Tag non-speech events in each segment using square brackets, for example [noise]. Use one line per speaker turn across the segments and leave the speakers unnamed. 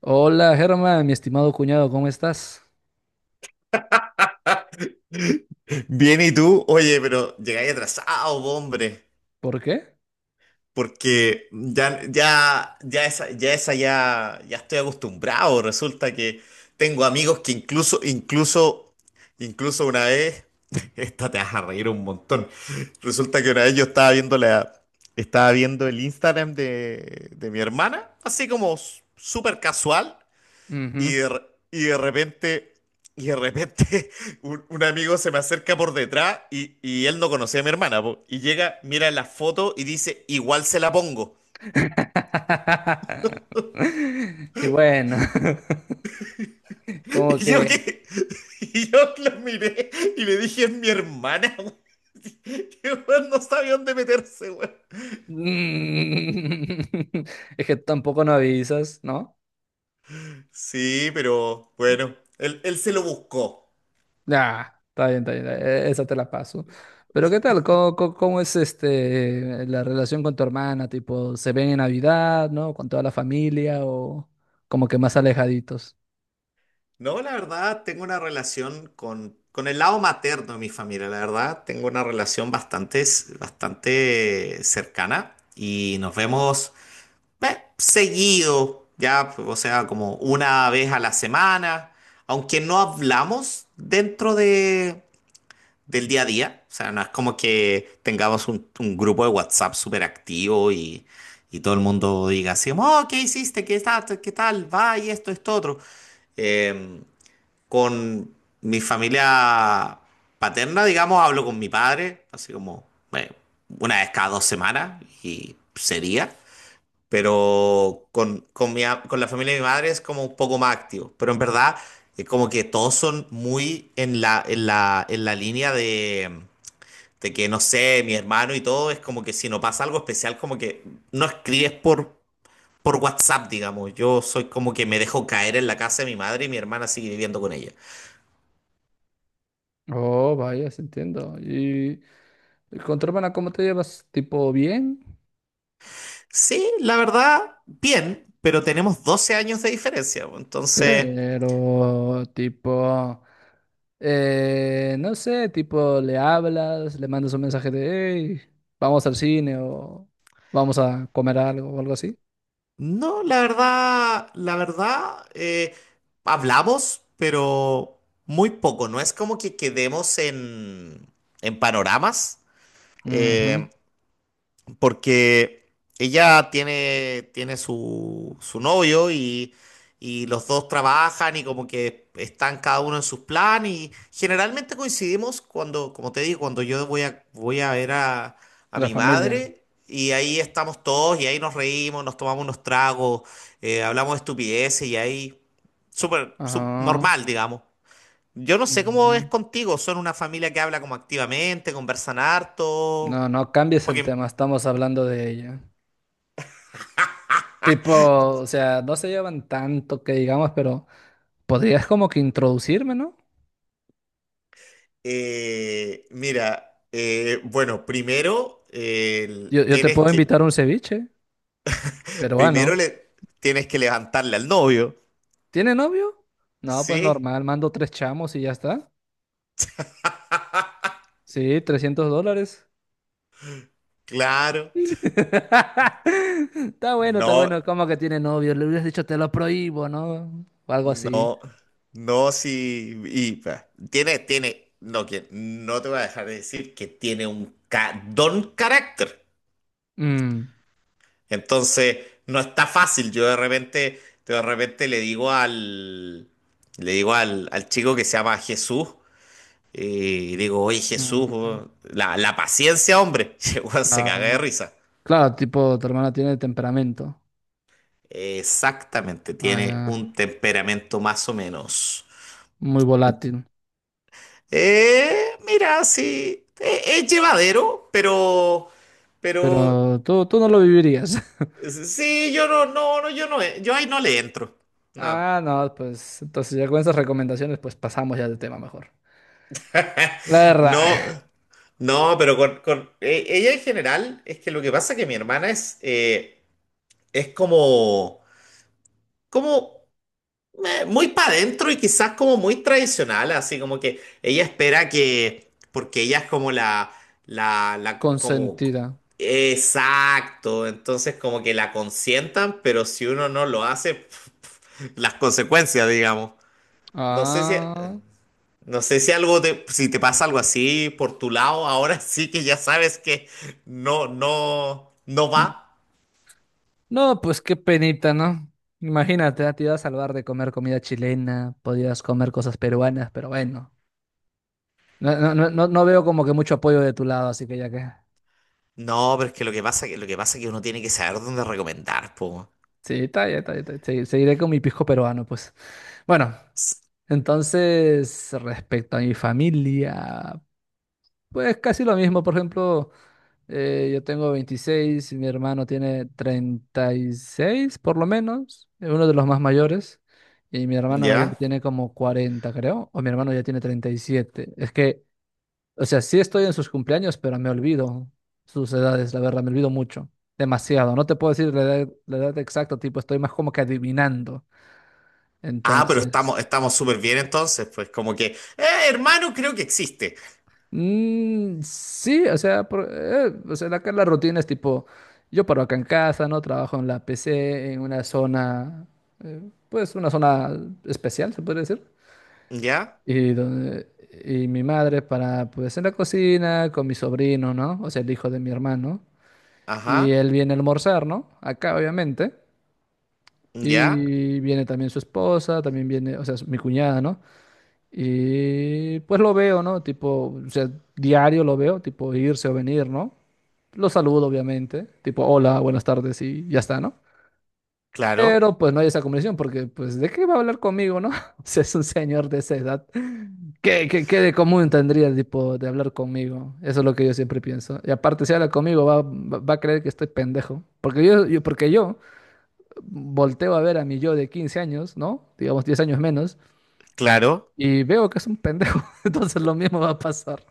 Hola, Germán, mi estimado cuñado, ¿cómo estás?
Bien, ¿y tú? Oye, pero llegáis atrasado, po, hombre,
¿Por qué?
porque ya esa ya estoy acostumbrado. Resulta que tengo amigos que incluso una vez, [laughs] esta te vas a reír un montón. Resulta que una vez yo estaba viendo el Instagram de mi hermana, así como súper casual.
Ujú.
Y de, re- y de repente, y de repente, [laughs] un amigo se me acerca por detrás y él no conocía a mi hermana, po. Y llega, mira la foto y dice, igual se la pongo.
[laughs] Y bueno, [laughs]
[laughs]
como
Y yo
que...
que, [laughs] y yo lo miré y le dije, es mi hermana, weón. [laughs] Que weón, no sabía dónde meterse, weón.
[laughs] Es que tampoco no avisas, ¿no?
Sí, pero bueno, él se lo buscó.
Nah, está bien, esa te la paso. Pero ¿qué tal? ¿Cómo es la relación con tu hermana? Tipo, ¿se ven en Navidad, ¿no? ¿Con toda la familia o como que más alejaditos?
No, la verdad, tengo una relación con el lado materno de mi familia. La verdad, tengo una relación bastante cercana y nos vemos, seguido, ya, o sea, como una vez a la semana, aunque no hablamos dentro del día a día. O sea, no es como que tengamos un grupo de WhatsApp súper activo y todo el mundo diga, así como, oh, ¿qué hiciste? ¿Qué tal? ¿Qué tal? Va y esto, otro. Em, con mi familia paterna, digamos, hablo con mi padre, así como, bueno, una vez cada 2 semanas y sería. Pero con la familia de mi madre es como un poco más activo. Pero en verdad, es como que todos son muy en la, en la línea de que, no sé, mi hermano y todo, es como que si no pasa algo especial, como que no escribes por WhatsApp, digamos. Yo soy como que me dejo caer en la casa de mi madre y mi hermana sigue viviendo con ella.
Oh, vaya, sí entiendo. ¿Y con tu hermana, ¿cómo te llevas? Tipo bien,
Sí, la verdad, bien, pero tenemos 12 años de diferencia, bo. Entonces,
pero tipo, no sé, tipo le hablas, le mandas un mensaje de, hey, vamos al cine o vamos a comer algo o algo así.
no, la verdad, hablamos, pero muy poco. No es como que quedemos en panoramas.
Ujú.
Eh, Porque ella tiene su novio y los dos trabajan, y como que están cada uno en sus planes, y generalmente coincidimos cuando, como te digo, cuando yo voy a ver a
La
mi
familia.
madre, y ahí estamos todos y ahí nos reímos, nos tomamos unos tragos, hablamos de estupideces y ahí súper
Ajá.
normal, digamos. Yo no sé cómo es
Ujú.
contigo, son una familia que habla como activamente, conversan
No,
harto,
no cambies el
porque
tema, estamos hablando de ella. Tipo, o sea, no se llevan tanto que digamos, pero podrías como que introducirme, ¿no?
Mira, bueno, primero,
Yo, yo te
tienes
puedo
que
invitar a un ceviche peruano.
primero, le tienes que levantarle al novio.
¿Tiene novio? No, pues
Sí,
normal, mando tres chamos y ya está. Sí, $300.
claro.
[laughs] Está bueno, está
No,
bueno. ¿Cómo que tiene novio? Le hubieras dicho te lo prohíbo, ¿no? O algo así.
no, no, sí. Y tiene, tiene, no, que no te voy a dejar de decir que tiene un don carácter.
Mm,
Entonces, no está fácil. Yo de repente le digo al chico, que se llama Jesús. Y digo, oye Jesús,
mm,
weón, la paciencia, hombre. [laughs] Y el weón se caga de
ah,
risa.
claro, tipo, tu hermana tiene temperamento.
Exactamente,
Ah, ya.
tiene un temperamento más o menos.
Muy volátil.
Mira, sí, es llevadero, pero,
Pero tú no lo vivirías. [laughs]
sí, yo ahí no le entro. No.
Ah, no, pues entonces ya con esas recomendaciones, pues pasamos ya del tema mejor. La
[laughs]
verdad,
No, no, pero con, ella en general, es que lo que pasa es que mi hermana es como muy para adentro y quizás como muy tradicional. Así como que ella espera que, porque ella es como la, la, como,
consentida.
exacto, entonces como que la consientan. Pero si uno no lo hace, [laughs] las consecuencias, digamos. No sé si,
Ah.
no sé si si te pasa algo así por tu lado, ahora [laughs] sí que ya sabes que no va.
No, pues qué penita, ¿no? Imagínate, ah, te iba a salvar de comer comida chilena, podías comer cosas peruanas, pero bueno. No, no, no, no no veo como que mucho apoyo de tu lado, así que ya que.
No, pero es que lo que pasa, es que uno tiene que saber dónde recomendar, po.
Sí, está bien, está bien, está bien. Sí, seguiré con mi pisco peruano, pues. Bueno,
S-
entonces, respecto a mi familia, pues casi lo mismo. Por ejemplo. Yo tengo 26 y mi hermano tiene 36 por lo menos, uno de los más mayores. Y mi hermana mayor
¿Ya?
tiene como 40 creo, o mi hermano ya tiene 37. Es que, o sea, sí estoy en sus cumpleaños, pero me olvido sus edades, la verdad, me olvido mucho, demasiado. No te puedo decir la edad exacta, tipo, estoy más como que adivinando.
Ah, pero estamos,
Entonces,
estamos súper bien, entonces, pues, como que, hermano, creo que existe.
Sí, o sea, o sea, acá la rutina es tipo, yo paro acá en casa, ¿no? Trabajo en la PC, en una zona, eh, pues una zona especial, se podría decir.
Ya,
Y, donde, y mi madre para, pues en la cocina, con mi sobrino, ¿no? O sea, el hijo de mi hermano. Y
ajá,
él viene a almorzar, ¿no? Acá, obviamente.
ya,
Y viene también su esposa, también viene, o sea, mi cuñada, ¿no? Y pues lo veo, ¿no? Tipo, o sea, diario lo veo, tipo irse o venir, ¿no? Lo saludo, obviamente, tipo, hola, buenas tardes y ya está, ¿no?
claro,
Pero pues no hay esa comunicación porque, pues, ¿de qué va a hablar conmigo, no? [laughs] Si es un señor de esa edad, ¿qué de común tendría, tipo, de hablar conmigo? Eso es lo que yo siempre pienso. Y aparte, si habla conmigo, va a creer que estoy pendejo. Porque yo volteo a ver a mi yo de 15 años, ¿no? Digamos 10 años menos,
claro.
y veo que es un pendejo. [laughs] Entonces lo mismo va a pasar.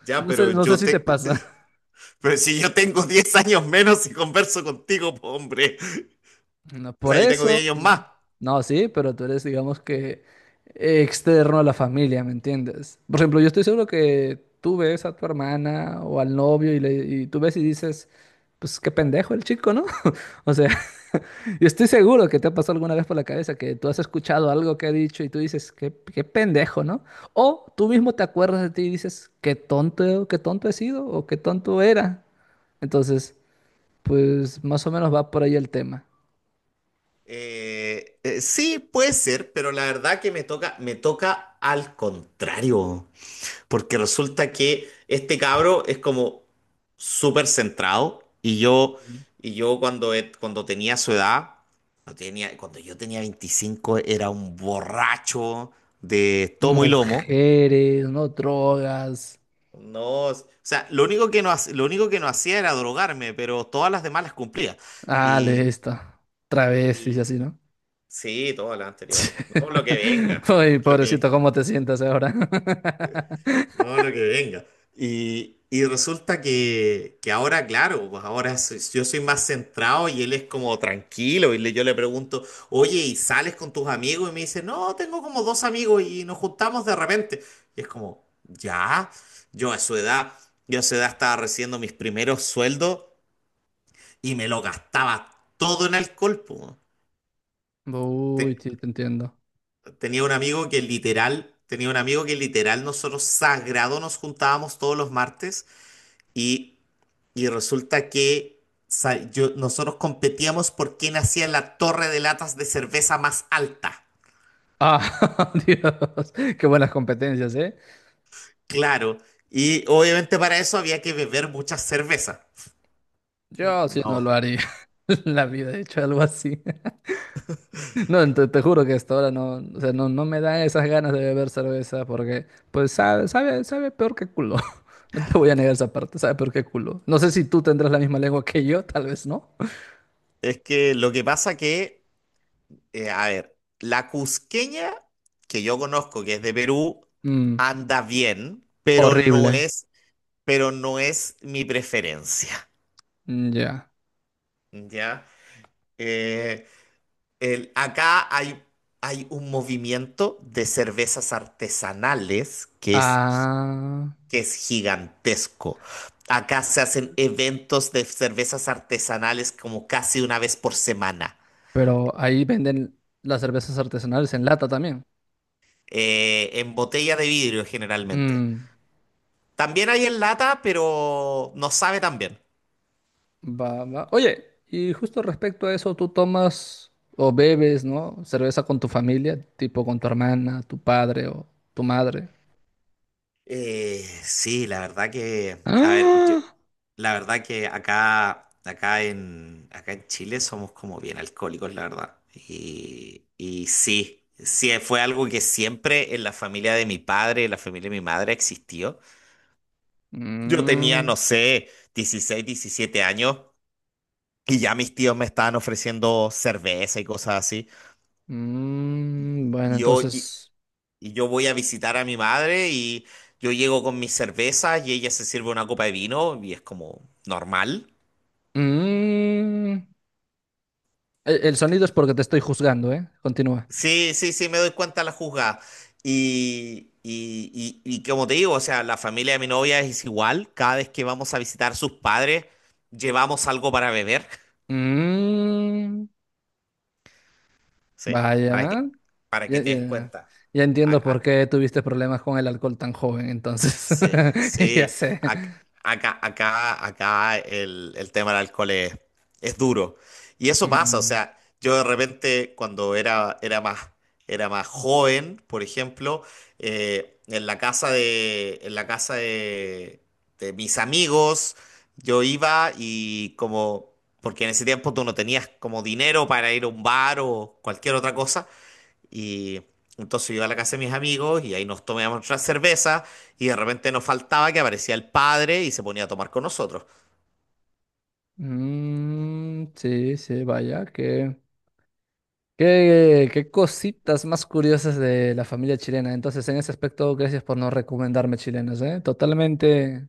Ya,
No sé, no sé si te pasa.
[laughs]
[laughs]
pero si yo tengo 10 años menos y converso contigo, po, hombre.
No,
O
por
sea, yo tengo 10
eso,
años más.
no, sí, pero tú eres, digamos que, externo a la familia, ¿me entiendes? Por ejemplo, yo estoy seguro que tú ves a tu hermana o al novio y tú ves y dices, pues qué pendejo el chico, ¿no? [laughs] O sea, [laughs] yo estoy seguro que te ha pasado alguna vez por la cabeza que tú has escuchado algo que ha dicho y tú dices, qué pendejo, ¿no? O tú mismo te acuerdas de ti y dices, qué tonto he sido o qué tonto era. Entonces... Pues más o menos va por ahí el tema.
Sí, puede ser, pero la verdad que me toca al contrario. Porque resulta que este cabro es como súper centrado, y
Ujú.
cuando tenía su edad no tenía, cuando yo tenía 25 era un borracho de tomo y lomo.
Mujeres, no drogas.
No, o sea, lo único que no, hac- lo único que no hacía era drogarme, pero todas las demás las cumplía.
Ah, de
Y,
esto. Travestis y
y
así, ¿no?
sí, todas las anteriores. No, lo que venga.
[laughs] Uy,
Lo
pobrecito,
que,
¿cómo te sientas ahora? [laughs]
No, lo que venga. Y resulta que ahora, claro, pues ahora yo soy más centrado, y él es como tranquilo. Yo le pregunto, oye, ¿y sales con tus amigos? Y me dice, no, tengo como dos amigos y nos juntamos de repente. Y es como, ya, yo a su edad, yo a su edad estaba recibiendo mis primeros sueldos y me lo gastaba todo en alcohol, po.
Uy,
Te-
sí, te entiendo.
Tenía un amigo que literal, nosotros, sagrado, nos juntábamos todos los martes. y Y resulta que nosotros competíamos por quién hacía la torre de latas de cerveza más alta.
Ah, [laughs] Dios, qué buenas competencias, ¿eh?
Claro. Y obviamente para eso había que beber mucha cerveza.
Yo sí no
No.
lo haría. [laughs] En la vida he hecho algo así. No, te juro que hasta ahora no, o sea, no, no me dan esas ganas de beber cerveza porque, pues, sabe, sabe, sabe peor que culo. [laughs] No te voy a negar esa parte, sabe peor que culo. No sé si tú tendrás la misma lengua que yo, tal vez no.
Es que lo que pasa que, a ver, la cusqueña que yo conozco, que es de Perú,
Mm,
anda bien, pero
horrible.
no es mi preferencia.
Ya.
¿Ya? Eh, Acá hay un movimiento de cervezas artesanales que es,
Ah,
que es gigantesco. Acá se hacen eventos de cervezas artesanales como casi una vez por semana,
pero ahí venden las cervezas artesanales en lata también.
en botella de vidrio generalmente.
Mm,
También hay en lata, pero no sabe tan bien.
va, va. Oye, y justo respecto a eso, tú tomas o bebes, ¿no? Cerveza con tu familia, tipo con tu hermana, tu padre o tu madre.
Eh, sí, la verdad
[gasps]
que,
¡Ah!
acá, acá en Chile somos como bien alcohólicos, la verdad. Y sí, sí, fue algo que siempre en la familia de mi padre, en la familia de mi madre, existió. Yo tenía,
Mm,
no sé, 16, 17 años y ya mis tíos me estaban ofreciendo cerveza y cosas así.
bueno,
Yo
entonces.
Y yo voy a visitar a mi madre y yo llego con mis cervezas, y ella se sirve una copa de vino y es como normal.
mm, el sonido es porque te estoy juzgando, ¿eh? Continúa.
Sí, sí, sí, me doy cuenta la juzgada. Y como te digo, o sea, la familia de mi novia es igual. Cada vez que vamos a visitar sus padres, llevamos algo para beber.
Mm,
Sí,
vaya.
para que
Ya,
te des
ya-
cuenta.
ya
A-
entiendo por
a-
qué tuviste problemas con el alcohol tan joven, entonces.
Sí,
[laughs] Ya
sí.
sé.
Ac- acá, el tema del alcohol es duro. Y eso pasa, o
Mm,
sea, yo de repente cuando era más joven, por ejemplo, en la casa de, de mis amigos, yo iba y como, porque en ese tiempo tú no tenías como dinero para ir a un bar o cualquier otra cosa. Y entonces yo iba a la casa de mis amigos y ahí nos tomábamos nuestras cervezas, y de repente nos faltaba que aparecía el padre y se ponía a tomar con nosotros.
sí, sí, vaya. Qué cositas más curiosas de la familia chilena. Entonces, en ese aspecto, gracias por no recomendarme chilenos, ¿eh? Totalmente.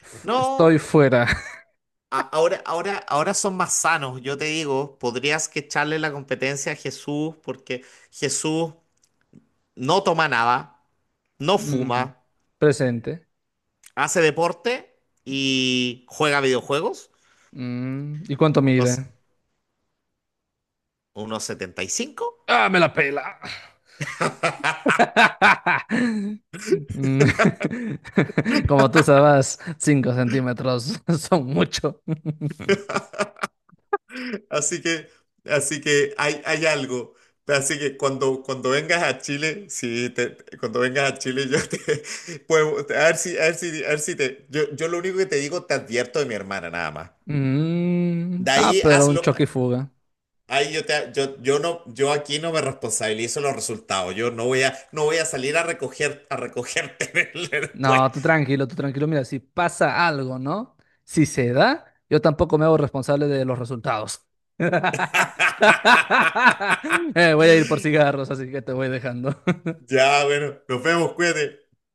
Estoy
No,
fuera. [laughs]
ahora son más sanos, yo te digo, podrías que echarle la competencia a Jesús, porque Jesús no toma nada, no
Mm,
fuma,
presente.
hace deporte y juega videojuegos.
¿Y cuánto
Entonces,
mide?
unos 75.
¡Ah, me la pela! [laughs] Mm, [laughs] Como tú sabes, 5 centímetros [laughs] son mucho.
Así que, Así que hay algo. Así que cuando vengas a Chile, sí, te- te- cuando vengas a Chile, yo te [laughs] puedo, a ver si, a ver si te, yo lo único que te digo, te advierto de mi hermana nada más. De
Ah,
ahí
pero un
hazlo,
choque y fuga.
ahí yo te, yo no, yo aquí no me responsabilizo los resultados. Yo no voy a salir a recogerte [laughs] después.
No, tú tranquilo, tú tranquilo. Mira, si pasa algo, ¿no? Si se da, yo tampoco me hago responsable de los resultados. [laughs]
[laughs]
Voy a ir por cigarros, así que te voy dejando.
Ya, bueno, nos vemos, cuídate.